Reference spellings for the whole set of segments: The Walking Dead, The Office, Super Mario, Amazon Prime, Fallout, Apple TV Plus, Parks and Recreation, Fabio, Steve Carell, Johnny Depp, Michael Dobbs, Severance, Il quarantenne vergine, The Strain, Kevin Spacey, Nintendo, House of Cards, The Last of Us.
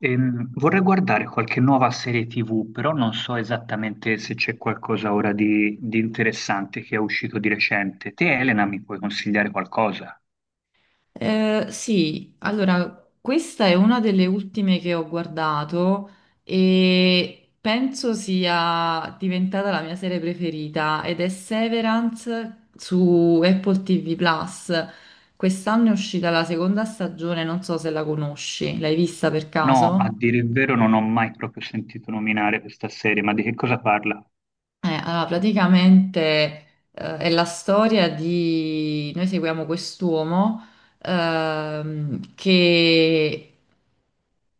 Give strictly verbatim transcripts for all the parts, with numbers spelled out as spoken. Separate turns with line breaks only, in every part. Ehm, vorrei guardare qualche nuova serie ti vù, però non so esattamente se c'è qualcosa ora di, di interessante che è uscito di recente. Te, Elena, mi puoi consigliare qualcosa?
Eh, sì, allora, questa è una delle ultime che ho guardato e penso sia diventata la mia serie preferita ed è Severance su Apple T V Plus. Quest'anno è uscita la seconda stagione, non so se la conosci, l'hai vista per
No, a
caso?
dire il vero non ho mai proprio sentito nominare questa serie, ma di che cosa parla?
Eh, allora, praticamente eh, è la storia di... Noi seguiamo quest'uomo ehm, che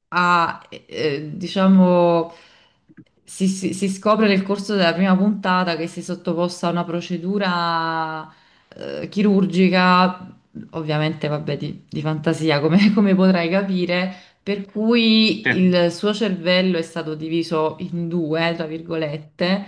a, eh, eh, diciamo, si, si- si scopre nel corso della prima puntata che si è sottoposta a una procedura eh, chirurgica, ovviamente, vabbè, di, di fantasia, come, come potrai capire, per
Sì,
cui il suo cervello è stato diviso in due, tra virgolette,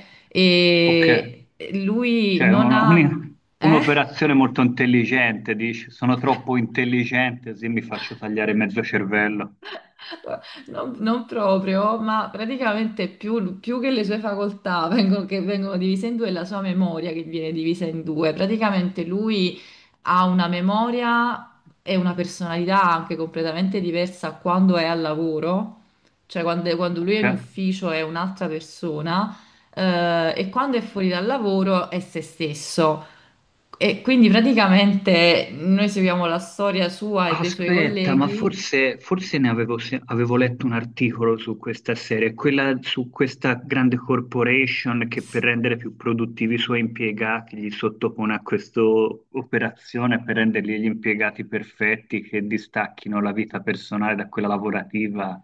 ok,
e lui
cioè
non
uno-
ha...
un-
Eh?
un'operazione molto intelligente, dici, sono troppo intelligente, così mi faccio tagliare mezzo cervello.
Non, non proprio, ma praticamente più, più che le sue facoltà vengono, che vengono divise in due, è la sua memoria che viene divisa in due. Praticamente lui ha una memoria e una personalità anche completamente diversa quando è al lavoro, cioè quando, quando lui è
Ok?
in ufficio è un'altra persona, eh, e quando è fuori dal lavoro è se stesso. E quindi praticamente noi seguiamo la storia sua e dei suoi
Aspetta, ma
colleghi.
forse, forse ne avevo, se- avevo letto un articolo su questa serie, quella su questa grande corporation che per rendere più produttivi i suoi impiegati gli sottopone a questa operazione per rendergli gli impiegati perfetti che distacchino la vita personale da quella lavorativa.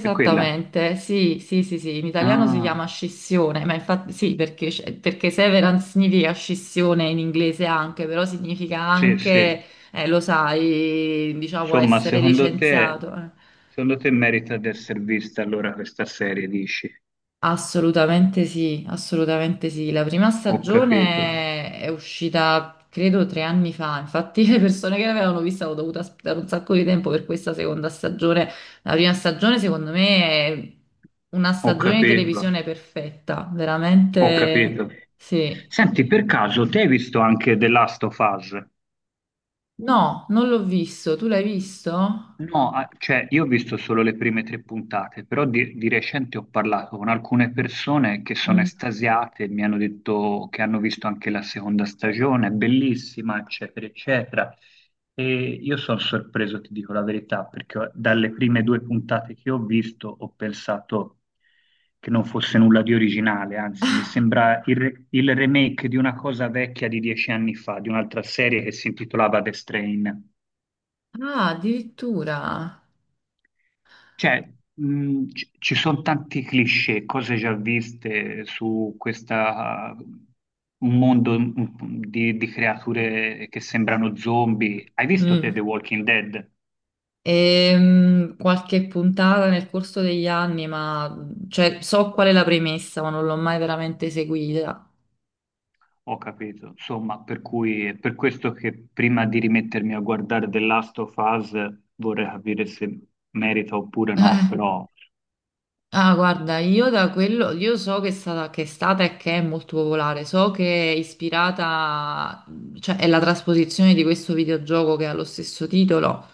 È quella?
sì, sì, sì, sì, in italiano si
Ah,
chiama scissione, ma infatti sì, perché, sc- perché severance significa scissione in inglese anche, però significa
sì, sì.
anche, eh, lo sai, diciamo
Insomma,
essere
secondo te,
licenziato. eh.
secondo te merita di essere vista allora questa serie, dici?
Assolutamente sì, assolutamente sì. La prima
Ho capito,
stagione è uscita, credo, tre anni fa. Infatti, le persone che l'avevano vista hanno dovuto aspettare un sacco di tempo per questa seconda stagione. La prima stagione, secondo me, è una
ho
stagione di
capito.
televisione perfetta.
Ho
Veramente
capito.
sì.
Senti, per caso, te hai visto anche The Last of Us?
No, non l'ho visto. Tu l'hai visto?
No, ah, cioè io ho visto solo le prime tre puntate, però di, di recente ho parlato con alcune persone che sono
Mm.
estasiate, mi hanno detto che hanno visto anche la seconda stagione, è bellissima, eccetera, eccetera. E io sono sorpreso, ti dico la verità, perché dalle prime due puntate che ho visto ho pensato che non fosse nulla di originale, anzi mi sembra il, re- il remake di una cosa vecchia di dieci anni fa, di un'altra serie che si intitolava The Strain.
Ah, addirittura.
Cioè, mh, ci ci sono tanti cliché, cose già viste su questa, un mondo mh, di, di creature che sembrano zombie. Hai visto te The
Mm.
Walking Dead?
Ehm, qualche puntata nel corso degli anni, ma cioè, so qual è la premessa, ma non l'ho mai veramente seguita.
Ho capito. Insomma, per cui è per questo che prima di rimettermi a guardare The Last of Us vorrei capire se merita oppure no, però
Ah, guarda, io da quello, io so che è stata, che è stata e che è molto popolare, so che è ispirata, cioè è la trasposizione di questo videogioco che ha lo stesso titolo,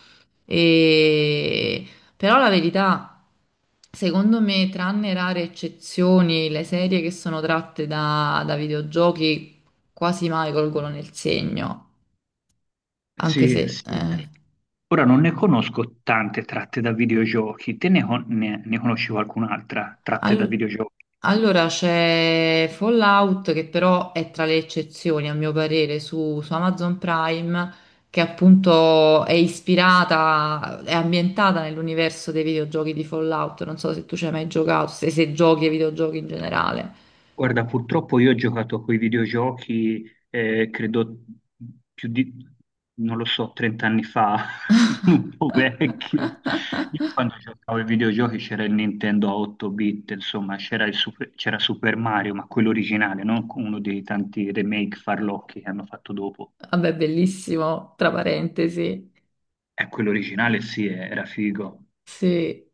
e... però la verità, secondo me, tranne rare eccezioni, le serie che sono tratte da, da videogiochi quasi mai colgono nel segno. Anche
sì,
se...
sì.
eh.
Ora non ne conosco tante tratte da videogiochi, te ne, con- ne ne conosci qualcun'altra tratte da
Al-
videogiochi?
allora c'è Fallout che però è tra le eccezioni a mio parere su, su Amazon Prime che appunto è ispirata, è ambientata nell'universo dei videogiochi di Fallout. Non so se tu ci hai mai giocato, se, se giochi ai videogiochi in generale.
Guarda, purtroppo io ho giocato con i videogiochi, eh, credo più di, non lo so, trenta anni fa, sono un po' vecchio. Io quando giocavo ai videogiochi c'era il Nintendo a otto bit, insomma, c'era il Super, c'era Super Mario, ma quello originale, non uno dei tanti remake farlocchi che hanno fatto dopo.
Vabbè, bellissimo, tra parentesi.
E quello originale sì, eh, era figo.
Sì.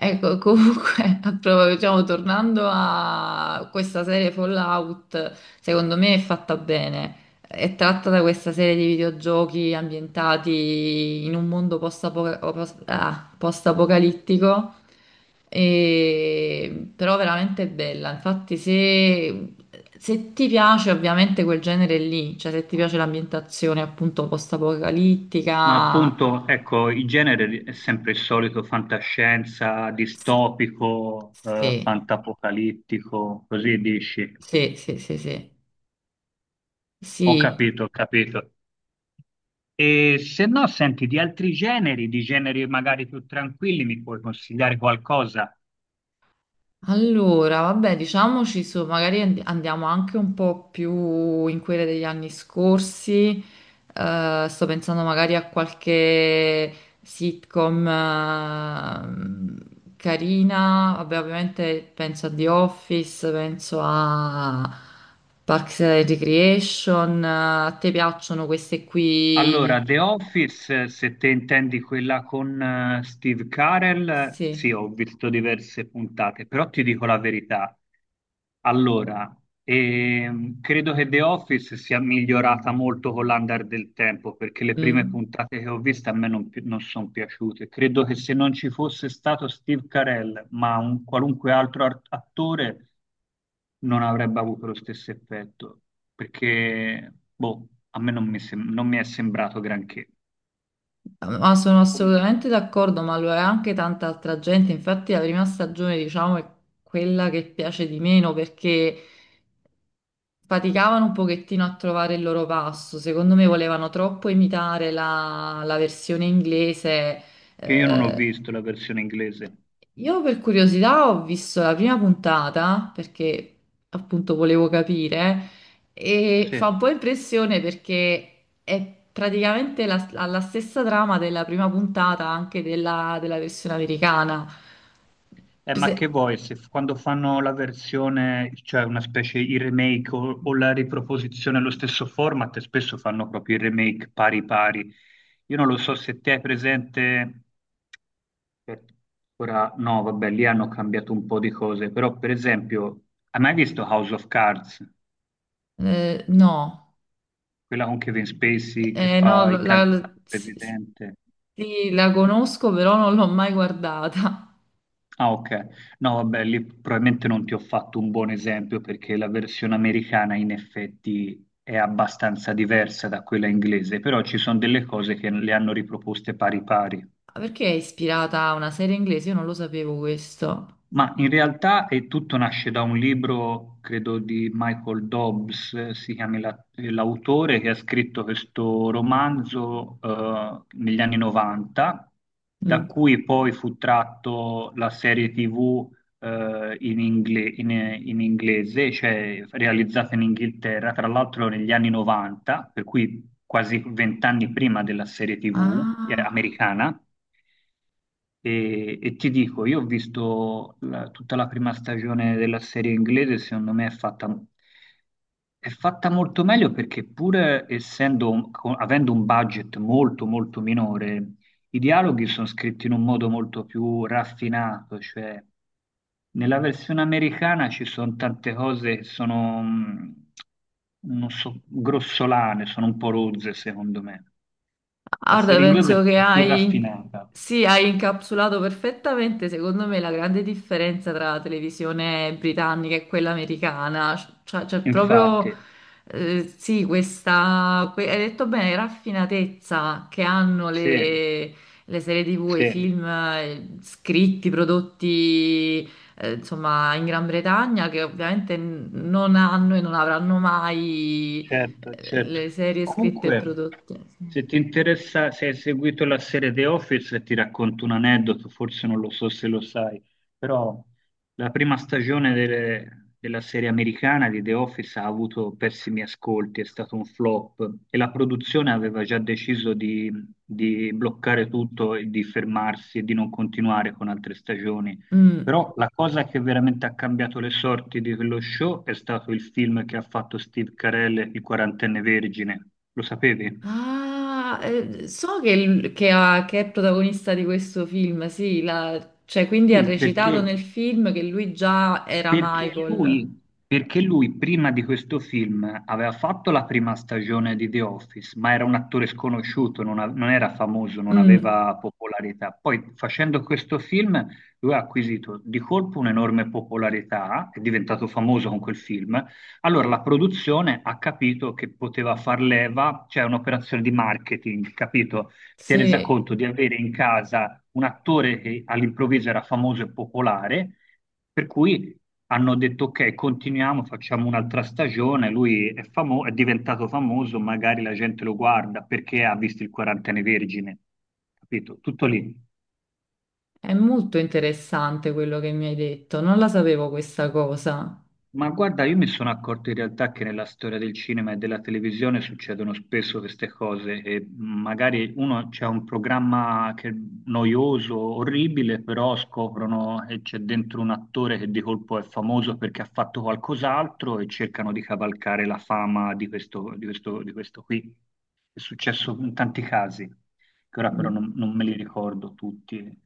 Ecco, comunque, a prov- diciamo, tornando a questa serie Fallout, secondo me è fatta bene. È tratta da questa serie di videogiochi ambientati in un mondo post-apo- o post- ah, post-apocalittico, e- però veramente bella. Infatti, se... se ti piace ovviamente quel genere lì, cioè se ti piace l'ambientazione appunto
Ma
post-apocalittica,
appunto, ecco, il genere è sempre il solito fantascienza, distopico, eh,
sì,
fantapocalittico, così dici.
sì, sì, sì, sì.
Ho
Sì,
capito, ho capito. E se no, senti, di altri generi, di generi magari più tranquilli, mi puoi consigliare qualcosa?
allora, vabbè, diciamoci su, magari and- andiamo anche un po' più in quelle degli anni scorsi. Eh, sto pensando magari a qualche sitcom ehm, carina. Vabbè, ovviamente penso a The Office, penso a Parks and Recreation. Eh, A te piacciono queste
Allora,
qui?
The Office, eh, se te intendi quella con eh, Steve Carell, eh,
Sì.
sì, ho visto diverse puntate, però ti dico la verità. Allora, ehm, credo che The Office sia migliorata molto con l'andare del tempo, perché le prime
Mm.
puntate che ho visto a me non, sono piaciute. Credo che se non ci fosse stato Steve Carell, ma un qualunque altro art- attore, non avrebbe avuto lo stesso effetto, perché, boh, a me non mi, sem- non mi è sembrato granché.
Ma sono
Omino.
assolutamente d'accordo, ma lo è anche tanta altra gente. Infatti, la prima stagione, diciamo, è quella che piace di meno perché faticavano un pochettino a trovare il loro passo. Secondo me volevano troppo imitare la, la versione inglese,
Che io non ho
eh,
visto la versione inglese.
io per curiosità ho visto la prima puntata perché appunto volevo capire e
Sì.
fa un po' impressione perché è praticamente la, ha la stessa trama della prima puntata anche della, della versione americana.
Eh, ma
Se-
che vuoi, se f- quando fanno la versione, cioè una specie il remake o, o la riproposizione allo stesso format, spesso fanno proprio il remake pari pari. Io non lo so se te hai presente, aspetta, ora no, vabbè, lì hanno cambiato un po' di cose, però per esempio, hai mai visto House of Cards?
eh, no,
Quella con Kevin Spacey che
Eh, no,
fa il
la,
candidato
la- sì,
presidente.
sì, la conosco però non l'ho mai guardata.
Ah, ok. No, vabbè, lì probabilmente non ti ho fatto un buon esempio perché la versione americana in effetti è abbastanza diversa da quella inglese, però ci sono delle cose che le hanno riproposte pari pari.
Ah, perché è ispirata a una serie inglese? Io non lo sapevo questo.
Ma in realtà eh, tutto nasce da un libro, credo, di Michael Dobbs, eh, si chiama la- eh, l'autore, che ha scritto questo romanzo eh, negli anni novanta, da
Mm.
cui poi fu tratto la serie ti vù eh, in, ingle- in- in- inglese, cioè realizzata in Inghilterra, tra l'altro negli anni novanta, per cui quasi vent'anni prima della serie ti vù eh,
Ah.
americana. E, e ti dico, io ho visto la- tutta la prima stagione della serie inglese, secondo me è fatta, è fatta molto meglio perché pur essendo, un- co- avendo un budget molto molto minore, i dialoghi sono scritti in un modo molto più raffinato, cioè nella versione americana ci sono tante cose che sono, mh, non so, grossolane, sono un po' rozze secondo me. La
Guarda,
serie inglese
penso che
è più
hai,
raffinata.
sì, hai incapsulato perfettamente, secondo me, la grande differenza tra la televisione britannica e quella americana. Cioè, c'è proprio,
Infatti,
eh, sì, questa, que- hai detto bene, raffinatezza che hanno
sì,
le, le serie T V, e i
sì.
film eh, scritti, prodotti, eh, insomma, in Gran Bretagna, che ovviamente n- non hanno e non avranno mai,
Certo,
eh,
certo.
le serie scritte e
Comunque,
prodotte. Sì.
se ti interessa, se hai seguito la serie The Office, ti racconto un aneddoto, forse non lo so se lo sai, però la prima stagione delle- della serie americana di The Office ha avuto pessimi ascolti, è stato un flop e la produzione aveva già deciso di, di bloccare tutto e di fermarsi e di non continuare con altre stagioni.
Mm.
Però la cosa che veramente ha cambiato le sorti di quello show è stato il film che ha fatto Steve Carell, Il quarantenne vergine. Lo sapevi?
Ah, eh, so che, l- che ha- che è protagonista di questo film, sì, la- cioè quindi ha
Sì,
recitato
perché
nel film che lui già era
Perché
Michael.
lui, perché lui prima di questo film aveva fatto la prima stagione di The Office, ma era un attore sconosciuto, non, a- non era famoso, non
Mm,
aveva popolarità. Poi facendo questo film lui ha acquisito di colpo un'enorme popolarità, è diventato famoso con quel film. Allora la produzione ha capito che poteva far leva, cioè un'operazione di marketing, capito? Si è resa
sì,
conto di avere in casa un attore che all'improvviso era famoso e popolare, per cui hanno detto ok, continuiamo, facciamo un'altra stagione, lui è, famo- è diventato famoso, magari la gente lo guarda perché ha visto il quarantenne vergine, capito? Tutto lì.
è molto interessante quello che mi hai detto, non la sapevo questa cosa.
Ma guarda, io mi sono accorto in realtà che nella storia del cinema e della televisione succedono spesso queste cose e magari uno c'è un programma che è noioso, orribile, però scoprono e c'è dentro un attore che di colpo è famoso perché ha fatto qualcos'altro e cercano di cavalcare la fama di questo, di questo, di questo qui. È successo in tanti casi, che ora però
Mm.
non, non me li ricordo tutti.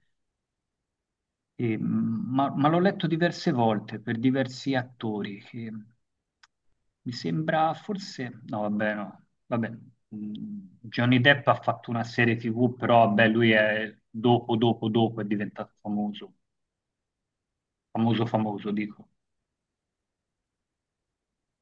E, mh, ma, ma l'ho letto diverse volte per diversi attori. Che mi sembra forse, no, vabbè, no, vabbè. Mh, Johnny Depp ha fatto una serie ti vù, però vabbè, lui è dopo, dopo, dopo è diventato famoso, famoso, famoso, dico.